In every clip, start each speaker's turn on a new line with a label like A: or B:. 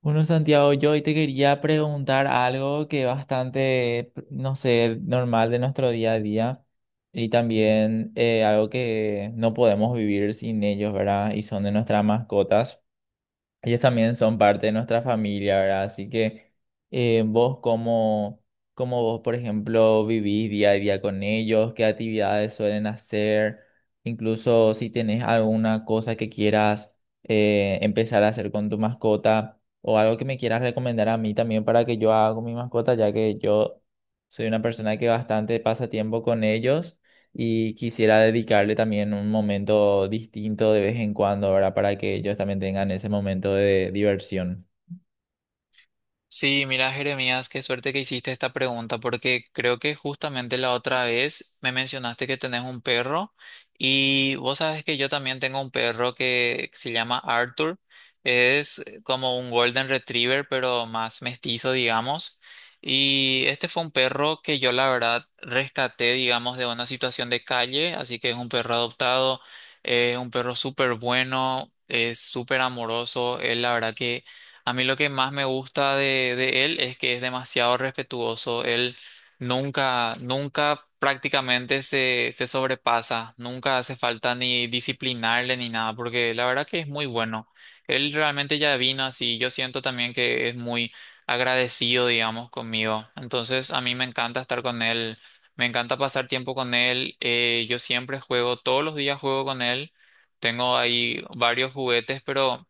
A: Bueno, Santiago, yo hoy te quería preguntar algo que es bastante, no sé, normal de nuestro día a día y también algo que no podemos vivir sin ellos, ¿verdad? Y son de nuestras mascotas. Ellos también son parte de nuestra familia, ¿verdad? Así que vos cómo, cómo vos, por ejemplo, vivís día a día con ellos, qué actividades suelen hacer, incluso si tenés alguna cosa que quieras empezar a hacer con tu mascota o algo que me quieras recomendar a mí también para que yo haga con mi mascota, ya que yo soy una persona que bastante pasa tiempo con ellos y quisiera dedicarle también un momento distinto de vez en cuando, ¿verdad? Para que ellos también tengan ese momento de diversión.
B: Sí, mira, Jeremías, qué suerte que hiciste esta pregunta, porque creo que justamente la otra vez me mencionaste que tenés un perro y vos sabes que yo también tengo un perro que se llama Arthur. Es como un Golden Retriever, pero más mestizo, digamos. Y este fue un perro que yo la verdad rescaté, digamos, de una situación de calle, así que es un perro adoptado, es un perro súper bueno, es súper amoroso, es la verdad que... A mí lo que más me gusta de él es que es demasiado respetuoso. Él nunca prácticamente se sobrepasa. Nunca hace falta ni disciplinarle ni nada, porque la verdad que es muy bueno. Él realmente ya vino así. Yo siento también que es muy agradecido, digamos, conmigo. Entonces, a mí me encanta estar con él. Me encanta pasar tiempo con él. Yo siempre juego, todos los días juego con él. Tengo ahí varios juguetes, pero...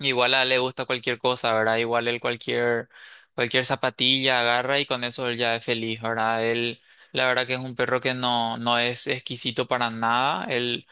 B: Igual a él le gusta cualquier cosa, ¿verdad? Igual él cualquier zapatilla agarra y con eso él ya es feliz, ¿verdad? Él, la verdad que es un perro que no, no es exquisito para nada. Él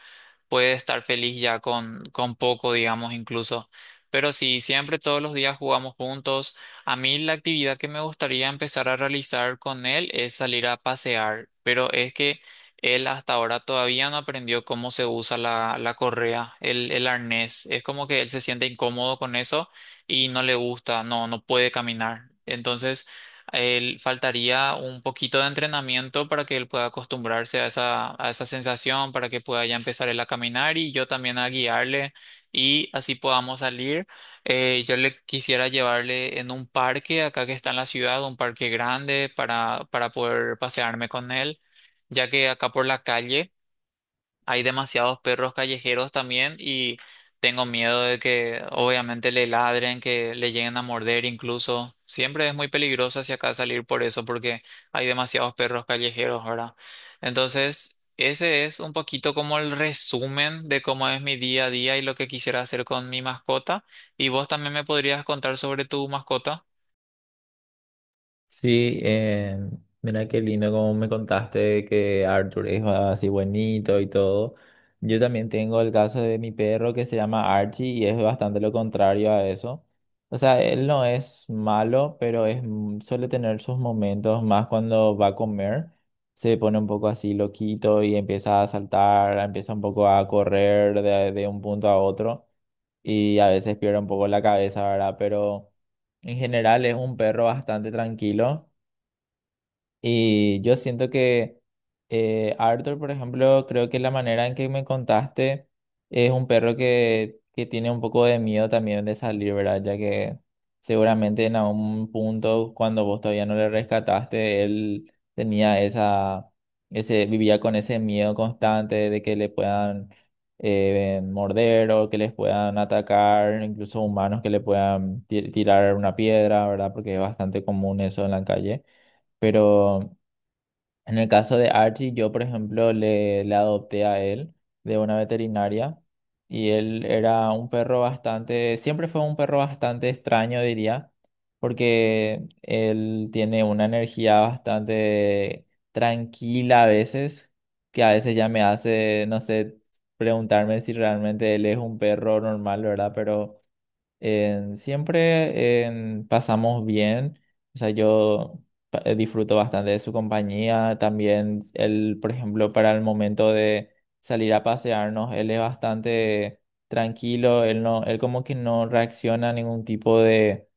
B: puede estar feliz ya con poco, digamos, incluso. Pero sí, siempre todos los días jugamos juntos. A mí la actividad que me gustaría empezar a realizar con él es salir a pasear, pero es que él hasta ahora todavía no aprendió cómo se usa la correa, el arnés. Es como que él se siente incómodo con eso y no le gusta, no, no puede caminar. Entonces él faltaría un poquito de entrenamiento para que él pueda acostumbrarse a esa sensación, para que pueda ya empezar él a caminar y yo también a guiarle y así podamos salir. Yo le quisiera llevarle en un parque acá que está en la ciudad, un parque grande para poder pasearme con él, ya que acá por la calle hay demasiados perros callejeros también y tengo miedo de que obviamente le ladren, que le lleguen a morder incluso. Siempre es muy peligroso hacia acá salir por eso porque hay demasiados perros callejeros, ¿verdad? Entonces, ese es un poquito como el resumen de cómo es mi día a día y lo que quisiera hacer con mi mascota. ¿Y vos también me podrías contar sobre tu mascota?
A: Sí, mira qué lindo como me contaste que Arthur es así buenito y todo. Yo también tengo el caso de mi perro que se llama Archie y es bastante lo contrario a eso. O sea, él no es malo, pero es, suele tener sus momentos más cuando va a comer. Se pone un poco así loquito y empieza a saltar, empieza un poco a correr de un punto a otro y a veces pierde un poco la cabeza, ¿verdad? Pero... En general es un perro bastante tranquilo y yo siento que Arthur, por ejemplo, creo que la manera en que me contaste es un perro que tiene un poco de miedo también de salir, ¿verdad? Ya que seguramente en algún punto cuando vos todavía no le rescataste, él tenía esa, vivía con ese miedo constante de que le puedan morder o que les puedan atacar, incluso humanos que le puedan tirar una piedra, ¿verdad? Porque es bastante común eso en la calle. Pero en el caso de Archie, yo, por ejemplo, le adopté a él de una veterinaria y él era un perro bastante, siempre fue un perro bastante extraño, diría, porque él tiene una energía bastante tranquila a veces, que a veces ya me hace, no sé, preguntarme si realmente él es un perro normal, ¿verdad? Pero pasamos bien, o sea, yo disfruto bastante de su compañía, también él, por ejemplo, para el momento de salir a pasearnos, él es bastante tranquilo, él no, él como que no reacciona a ningún tipo de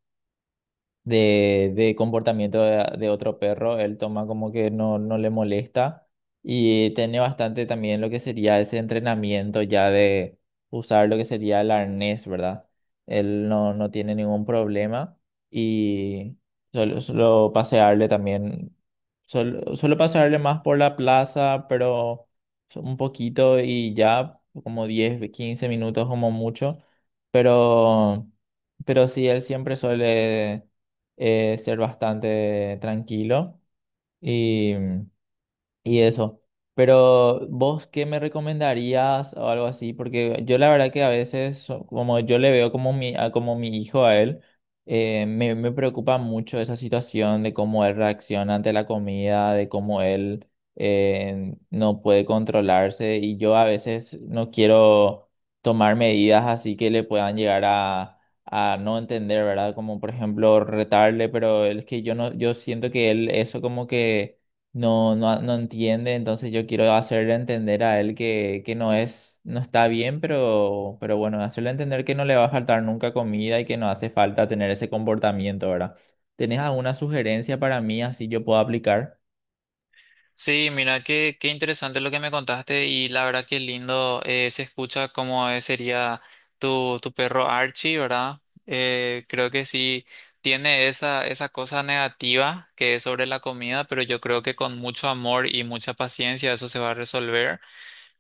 A: comportamiento de otro perro, él toma como que no, no le molesta y tiene bastante también lo que sería ese entrenamiento ya de usar lo que sería el arnés, ¿verdad? Él no, no tiene ningún problema y solo pasearle también, solo pasearle más por la plaza, pero un poquito y ya como 10 15 minutos como mucho, pero... Pero sí, él siempre suele ser bastante tranquilo y, y eso. Pero vos, ¿qué me recomendarías o algo así? Porque yo la verdad que a veces, como yo le veo como como mi hijo a él, me preocupa mucho esa situación de cómo él reacciona ante la comida, de cómo él no puede controlarse y yo a veces no quiero tomar medidas así que le puedan llegar a no entender, ¿verdad? Como por ejemplo retarle, pero es que yo no, yo siento que él eso como que no, no entiende, entonces yo quiero hacerle entender a él que no es, no está bien, pero bueno, hacerle entender que no le va a faltar nunca comida y que no hace falta tener ese comportamiento, ¿verdad? ¿Tenés alguna sugerencia para mí así yo puedo aplicar?
B: Sí, mira, qué, qué interesante lo que me contaste y la verdad que lindo se escucha cómo es sería tu, tu perro Archie, ¿verdad? Creo que sí tiene esa, esa cosa negativa que es sobre la comida, pero yo creo que con mucho amor y mucha paciencia eso se va a resolver.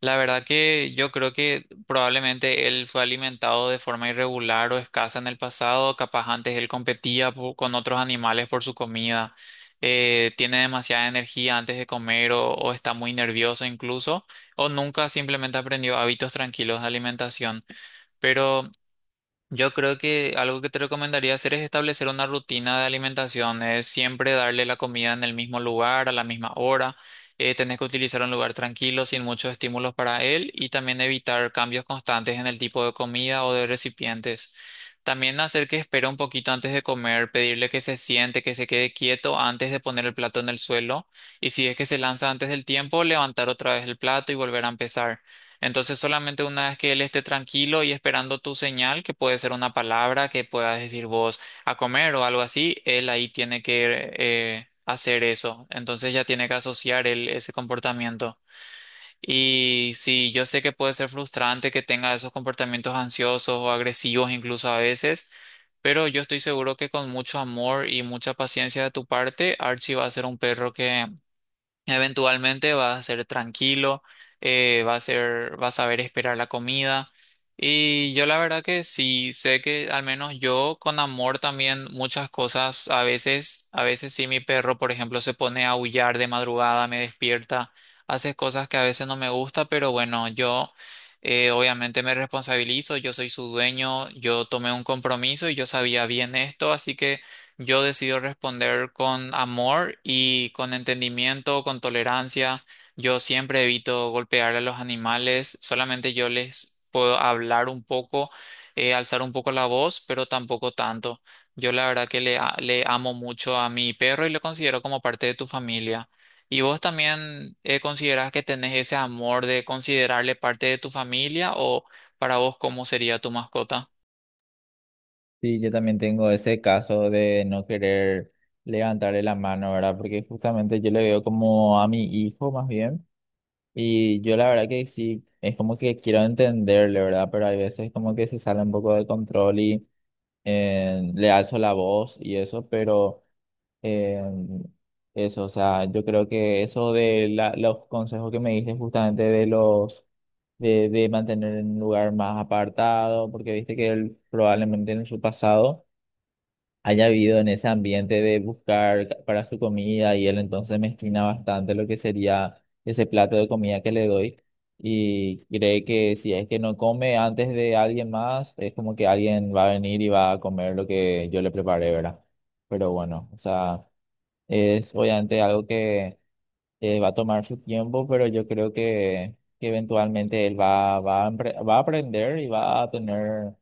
B: La verdad que yo creo que probablemente él fue alimentado de forma irregular o escasa en el pasado, capaz antes él con otros animales por su comida, tiene demasiada energía antes de comer o está muy nervioso incluso, o nunca simplemente aprendió hábitos tranquilos de alimentación. Pero yo creo que algo que te recomendaría hacer es establecer una rutina de alimentación, es siempre darle la comida en el mismo lugar, a la misma hora. Tenés que utilizar un lugar tranquilo, sin muchos estímulos para él y también evitar cambios constantes en el tipo de comida o de recipientes. También hacer que espere un poquito antes de comer, pedirle que se siente, que se quede quieto antes de poner el plato en el suelo y si es que se lanza antes del tiempo, levantar otra vez el plato y volver a empezar. Entonces solamente una vez que él esté tranquilo y esperando tu señal, que puede ser una palabra que puedas decir vos a comer o algo así, él ahí tiene que hacer eso. Entonces ya tiene que asociar él ese comportamiento. Y sí, yo sé que puede ser frustrante que tenga esos comportamientos ansiosos o agresivos incluso a veces, pero yo estoy seguro que con mucho amor y mucha paciencia de tu parte, Archie va a ser un perro que eventualmente vas a ser tranquilo, va a ser, vas a saber esperar la comida. Y yo la verdad que sí sé que al menos yo con amor también muchas cosas, a veces sí mi perro, por ejemplo, se pone a aullar de madrugada, me despierta, hace cosas que a veces no me gusta, pero bueno, yo obviamente me responsabilizo, yo soy su dueño, yo tomé un compromiso y yo sabía bien esto, así que yo decido responder con amor y con entendimiento, con tolerancia. Yo siempre evito golpear a los animales, solamente yo les puedo hablar un poco, alzar un poco la voz, pero tampoco tanto. Yo la verdad que le amo mucho a mi perro y lo considero como parte de tu familia. ¿Y vos también considerás que tenés ese amor de considerarle parte de tu familia o para vos cómo sería tu mascota?
A: Sí, yo también tengo ese caso de no querer levantarle la mano, ¿verdad? Porque justamente yo le veo como a mi hijo más bien. Y yo la verdad que sí, es como que quiero entenderle, ¿verdad? Pero hay veces como que se sale un poco de control y le alzo la voz y eso, pero eh, eso, o sea, yo creo que eso de los consejos que me diste justamente de los de mantener en un lugar más apartado, porque viste que él probablemente en su pasado haya habido en ese ambiente de buscar para su comida y él entonces mezquina bastante lo que sería ese plato de comida que le doy y cree que si es que no come antes de alguien más, es como que alguien va a venir y va a comer lo que yo le preparé, ¿verdad? Pero bueno, o sea, es obviamente algo que va a tomar su tiempo, pero yo creo que eventualmente él va, a va a aprender y va a tener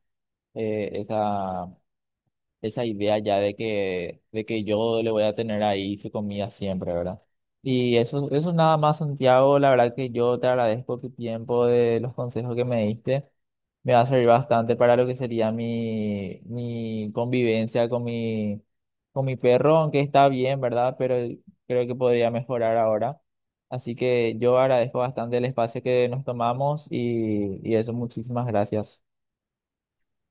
A: esa esa idea ya de que yo le voy a tener ahí su comida siempre, ¿verdad? Y eso nada más, Santiago, la verdad que yo te agradezco tu tiempo, de los consejos que me diste. Me va a servir bastante para lo que sería mi, mi convivencia con mi perro, aunque está bien, ¿verdad? Pero creo que podría mejorar ahora. Así que yo agradezco bastante el espacio que nos tomamos y eso, muchísimas gracias.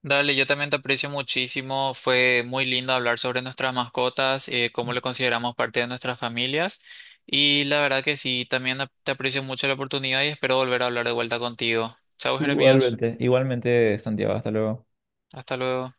B: Dale, yo también te aprecio muchísimo. Fue muy lindo hablar sobre nuestras mascotas, cómo le consideramos parte de nuestras familias. Y la verdad que sí, también te aprecio mucho la oportunidad y espero volver a hablar de vuelta contigo. Chao, Jeremías.
A: Igualmente, igualmente, Santiago, hasta luego.
B: Hasta luego.